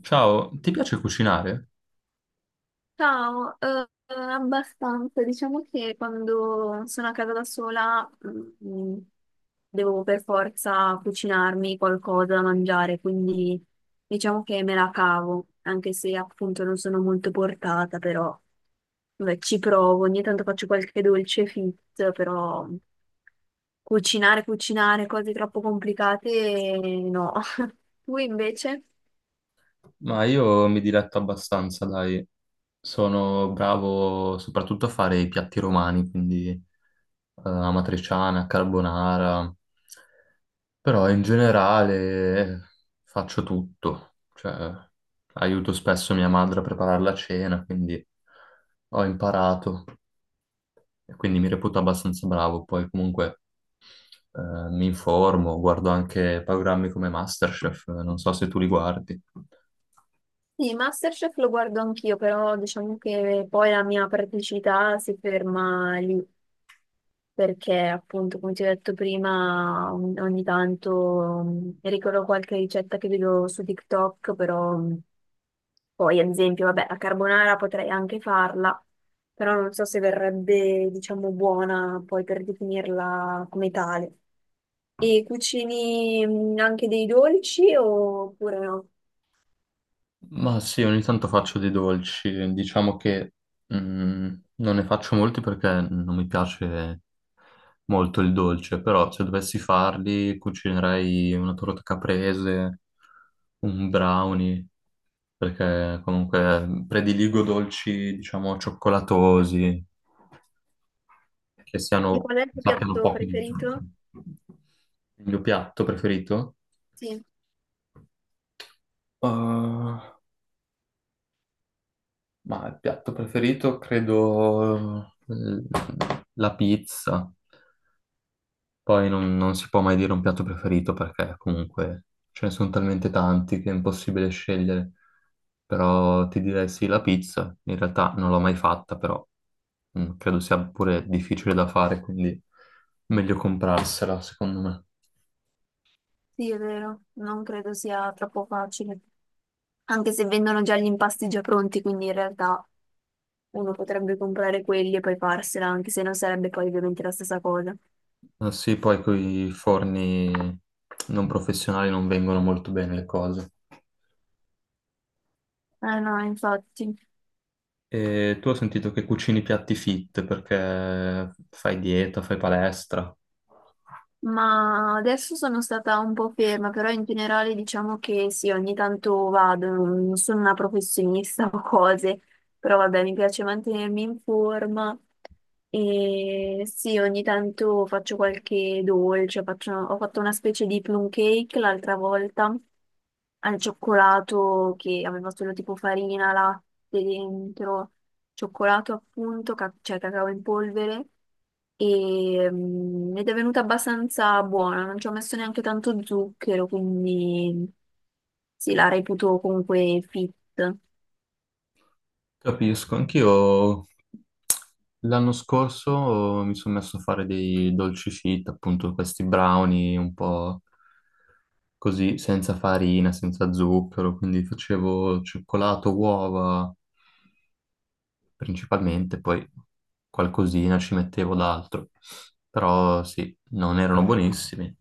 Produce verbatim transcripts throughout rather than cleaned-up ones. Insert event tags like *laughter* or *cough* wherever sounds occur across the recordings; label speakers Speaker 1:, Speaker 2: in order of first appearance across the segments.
Speaker 1: Ciao, ti piace cucinare?
Speaker 2: Ciao, eh, abbastanza. Diciamo che quando sono a casa da sola, mm, devo per forza cucinarmi qualcosa da mangiare, quindi diciamo che me la cavo, anche se appunto non sono molto portata, però vabbè, ci provo. Ogni tanto faccio qualche dolce fit, però cucinare, cucinare cose troppo complicate, no. *laughs* Tu invece?
Speaker 1: Ma io mi diletto abbastanza, dai. Sono bravo soprattutto a fare i piatti romani, quindi eh, amatriciana, carbonara, però in generale faccio tutto. Cioè, aiuto spesso mia madre a preparare la cena, quindi ho imparato e quindi mi reputo abbastanza bravo. Poi comunque eh, mi informo, guardo anche programmi come MasterChef, non so se tu li guardi.
Speaker 2: Sì, Masterchef lo guardo anch'io, però diciamo che poi la mia praticità si ferma lì, perché appunto, come ti ho detto prima, ogni ogni tanto mm, ricordo qualche ricetta che vedo su TikTok, però mm, poi ad esempio, vabbè, la carbonara potrei anche farla, però non so se verrebbe, diciamo, buona poi per definirla come tale. E cucini mm, anche dei dolci oppure no?
Speaker 1: Ma sì, ogni tanto faccio dei dolci, diciamo che mm, non ne faccio molti perché non mi piace molto il dolce, però se dovessi farli cucinerei una torta caprese, un brownie, perché comunque prediligo dolci, diciamo, cioccolatosi, che
Speaker 2: E
Speaker 1: siano,
Speaker 2: qual è il tuo
Speaker 1: sappiano
Speaker 2: piatto
Speaker 1: poco di zucchero.
Speaker 2: preferito?
Speaker 1: Il mio piatto preferito?
Speaker 2: Sì.
Speaker 1: Uh, Ma il piatto preferito credo eh, la pizza. Poi non, non si può mai dire un piatto preferito perché comunque ce ne sono talmente tanti che è impossibile scegliere. Però ti direi sì, la pizza. In realtà non l'ho mai fatta, però mm, credo sia pure difficile da fare, quindi meglio comprarsela, secondo me.
Speaker 2: Sì, è vero, non credo sia troppo facile, anche se vendono già gli impasti già pronti, quindi in realtà uno potrebbe comprare quelli e poi farsela, anche se non sarebbe poi ovviamente la stessa cosa.
Speaker 1: Ah, sì, poi con i forni non professionali non vengono molto bene le cose.
Speaker 2: Eh no, infatti,
Speaker 1: E tu ho sentito che cucini piatti fit perché fai dieta, fai palestra.
Speaker 2: ma adesso sono stata un po' ferma, però in generale diciamo che sì, ogni tanto vado, non sono una professionista *laughs* o cose. Però vabbè, mi piace mantenermi in forma e sì, ogni tanto faccio qualche dolce, faccio- ho fatto una specie di plum cake l'altra volta al cioccolato che aveva solo tipo farina, latte dentro, cioccolato appunto, ca- cioè cacao in polvere e, mm, ed è venuta abbastanza buona, non ci ho messo neanche tanto zucchero, quindi sì, la reputo comunque fit.
Speaker 1: Capisco, anch'io l'anno scorso mi sono messo a fare dei dolci fit, appunto questi brownie un po' così, senza farina, senza zucchero, quindi facevo cioccolato, uova, principalmente, poi qualcosina ci mettevo d'altro. Però sì, non erano buonissimi,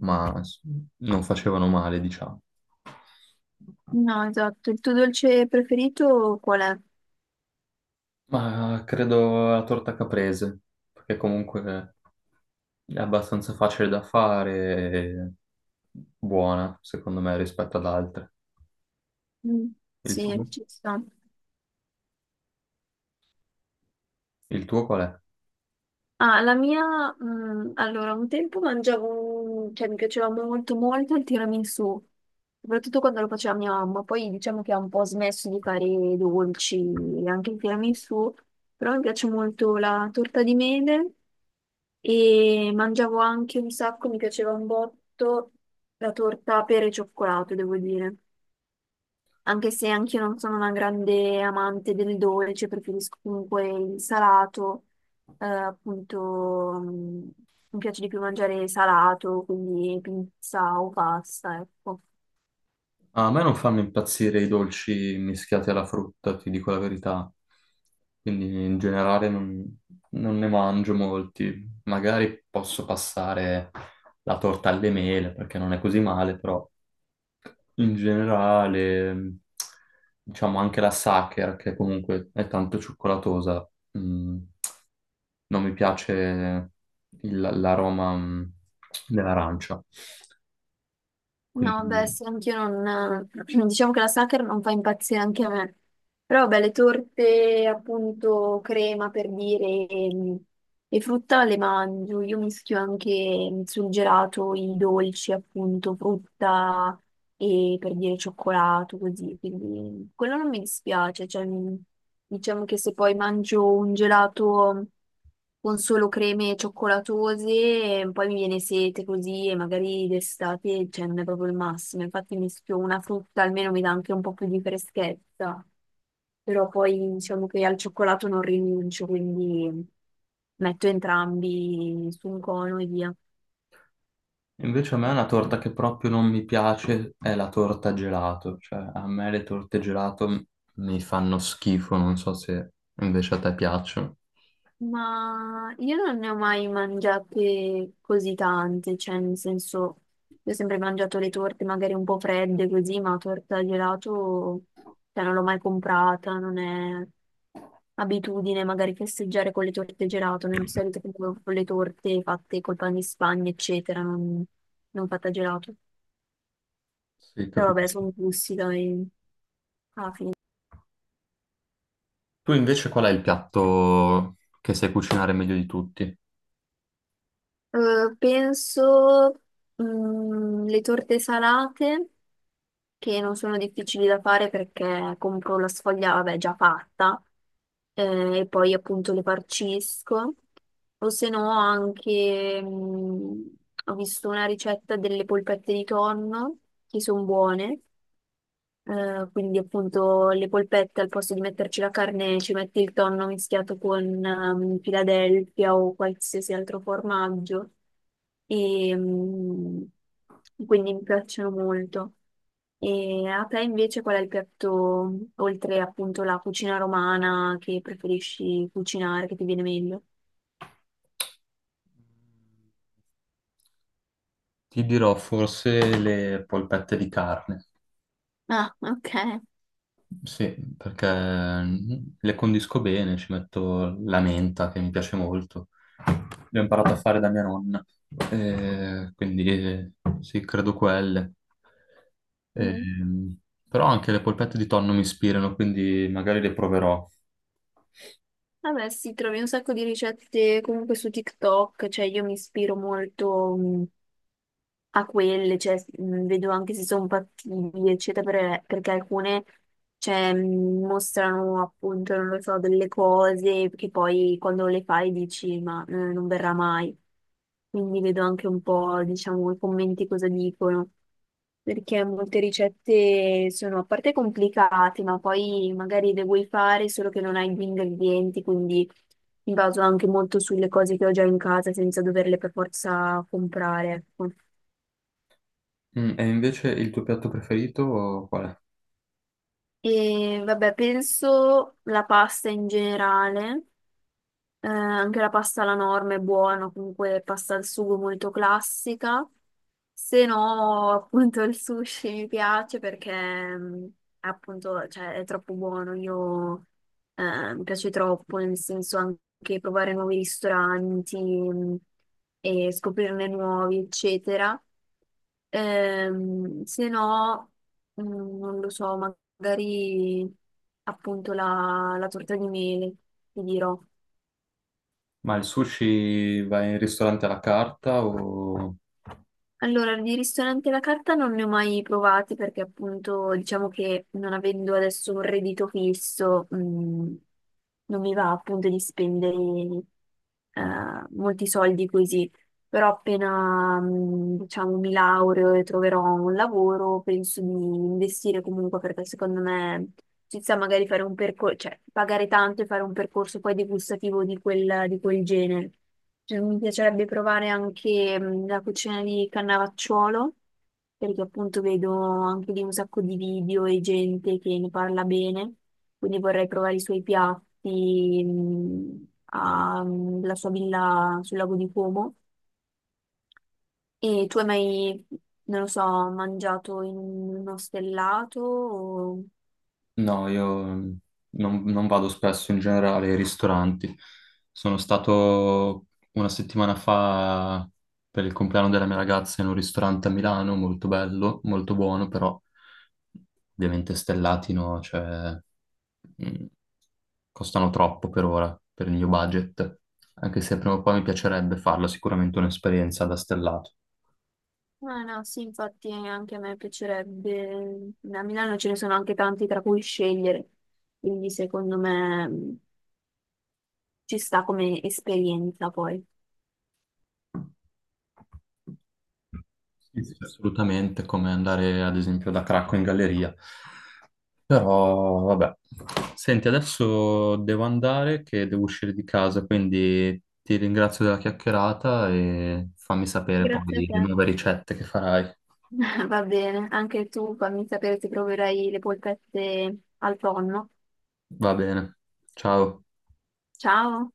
Speaker 1: ma s- non facevano male, diciamo.
Speaker 2: No, esatto. Il tuo dolce preferito qual è?
Speaker 1: Ma credo la torta caprese, perché comunque è abbastanza facile da fare e buona, secondo me, rispetto ad altre.
Speaker 2: Mm,
Speaker 1: Il
Speaker 2: sì,
Speaker 1: tuo?
Speaker 2: ci sta.
Speaker 1: Il tuo qual è?
Speaker 2: Ah, la mia, mm, allora, un tempo mangiavo, un- cioè, mi piaceva molto molto il tiramisù, soprattutto quando lo faceva mia mamma. Poi diciamo che ha un po' smesso di fare i dolci e anche il tiramisù, però mi piace molto la torta di mele e mangiavo anche un sacco, mi piaceva un botto la torta pere e cioccolato, devo dire. Anche se anch'io non sono una grande amante del dolce, preferisco comunque il salato, eh, appunto, mh, mi piace di più mangiare salato, quindi pizza o pasta, ecco.
Speaker 1: A me non fanno impazzire i dolci mischiati alla frutta, ti dico la verità. Quindi in generale non, non ne mangio molti. Magari posso passare la torta alle mele perché non è così male, però in generale, diciamo anche la Sacher, che comunque è tanto cioccolatosa, mm, non mi piace il- l'aroma mm, dell'arancia.
Speaker 2: No, beh,
Speaker 1: Quindi
Speaker 2: sì, anch'io non. *clears throat* Diciamo che la Sacher non fa impazzire anche a me. Però, beh, le torte, appunto, crema per dire, e, e frutta le mangio. Io mischio anche sul gelato i dolci, appunto, frutta e per dire cioccolato, così. Quindi quello non mi dispiace. Cioè, mi- diciamo che se poi mangio un gelato con solo creme cioccolatose, e poi mi viene sete così e magari d'estate, cioè, non è proprio il massimo. Infatti mischio una frutta, almeno mi dà anche un po' più di freschezza. Però poi diciamo che al cioccolato non rinuncio, quindi metto entrambi su un cono e via.
Speaker 1: invece a me una torta che proprio non mi piace è la torta gelato, cioè a me le torte gelato m- mi fanno schifo, non so se invece a te piacciono.
Speaker 2: Ma io non ne ho mai mangiate così tante, cioè nel senso, io ho sempre mangiato le torte magari un po' fredde così, ma torta al gelato, cioè non l'ho mai comprata, non è abitudine magari festeggiare con le torte gelato, non di solito compro con le torte fatte col pan di Spagna, eccetera, non, non fatta gelato.
Speaker 1: Sì,
Speaker 2: Però vabbè,
Speaker 1: capisco.
Speaker 2: sono gusti, dai.
Speaker 1: Tu invece qual è il piatto che sai cucinare meglio di tutti?
Speaker 2: Eh, penso mm, le torte salate, che non sono difficili da fare perché compro la sfoglia, vabbè, già fatta, eh, e poi appunto le farcisco. O se no anche, mm, ho visto una ricetta delle polpette di tonno, che sono buone. Eh, quindi appunto le polpette al posto di metterci la carne ci metti il tonno mischiato con ehm, Philadelphia o qualsiasi altro formaggio e mm, quindi mi piacciono molto. E a te invece qual è il piatto, oltre appunto la cucina romana, che preferisci cucinare, che ti viene meglio?
Speaker 1: Ti dirò forse le polpette di carne.
Speaker 2: Ah, ok.
Speaker 1: Sì, perché mm, le condisco bene, ci metto la menta che mi piace molto. L'ho imparato a fare da mia nonna. Eh, quindi eh, sì, credo quelle.
Speaker 2: Mm.
Speaker 1: Ehm, però anche le polpette di tonno mi ispirano, quindi magari le proverò.
Speaker 2: Vabbè, sì, trovi un sacco di ricette comunque su TikTok, cioè io mi ispiro molto mh, a quelle, cioè mh, vedo anche se sono fattibili, eccetera, per- perché alcune cioè, mh, mostrano appunto, non lo so, delle cose che poi quando le fai dici ma eh, non verrà mai. Quindi vedo anche un po', diciamo, i commenti cosa dicono. Perché molte ricette sono a parte complicate, ma poi magari le vuoi fare solo che non hai gli ingredienti, quindi mi baso anche molto sulle cose che ho già in casa senza doverle per forza comprare, ecco.
Speaker 1: Mm, e invece il tuo piatto preferito qual è?
Speaker 2: E vabbè, penso la pasta in generale. Eh, anche la pasta alla norma è buona, comunque pasta al sugo molto classica. Se no, appunto, il sushi mi piace perché mm, è appunto, cioè, è troppo buono. Io eh, mi piace troppo, nel senso anche provare nuovi ristoranti mm, e scoprirne nuovi, eccetera. Ehm, se no, mm, non lo so, magari appunto la, la torta di mele, ti dirò.
Speaker 1: Ma il sushi vai in ristorante alla carta o...
Speaker 2: Allora, di ristoranti alla carta non ne ho mai provati perché appunto diciamo che non avendo adesso un reddito fisso, mh, non mi va appunto di spendere eh, molti soldi così però appena, mh, diciamo, mi laureo e troverò un lavoro, penso di investire comunque perché secondo me ci sta magari fare un percorso, cioè pagare tanto e fare un percorso poi degustativo di quel, di quel genere. Cioè, mi piacerebbe provare anche mh, la cucina di Cannavacciuolo, perché appunto vedo anche lì un sacco di video e gente che ne parla bene, quindi vorrei provare i suoi piatti, mh, a- mm, la sua villa sul lago di Como e tu hai mai, non lo so, mangiato in uno stellato? o-
Speaker 1: No, io mm, non, non vado spesso in generale ai ristoranti. Sono stato una settimana fa per il compleanno della mia ragazza in un ristorante a Milano, molto bello, molto buono, però ovviamente stellati, no? Cioè, mm, costano troppo per ora, per il mio budget. Anche se prima o poi mi piacerebbe farlo, sicuramente un'esperienza da stellato.
Speaker 2: Ah, no, sì, infatti anche a me piacerebbe. A Milano ce ne sono anche tanti tra cui scegliere, quindi secondo me mh, ci sta come esperienza poi.
Speaker 1: Sì, sì. Assolutamente, come andare ad esempio da Cracco in galleria. Però, vabbè. Senti, adesso devo andare che devo uscire di casa, quindi ti ringrazio della chiacchierata e fammi sapere
Speaker 2: Grazie a
Speaker 1: poi le
Speaker 2: te.
Speaker 1: nuove ricette che farai.
Speaker 2: *laughs* Va bene, anche tu fammi sapere se proverai le polpette al tonno.
Speaker 1: Va bene. Ciao.
Speaker 2: Ciao!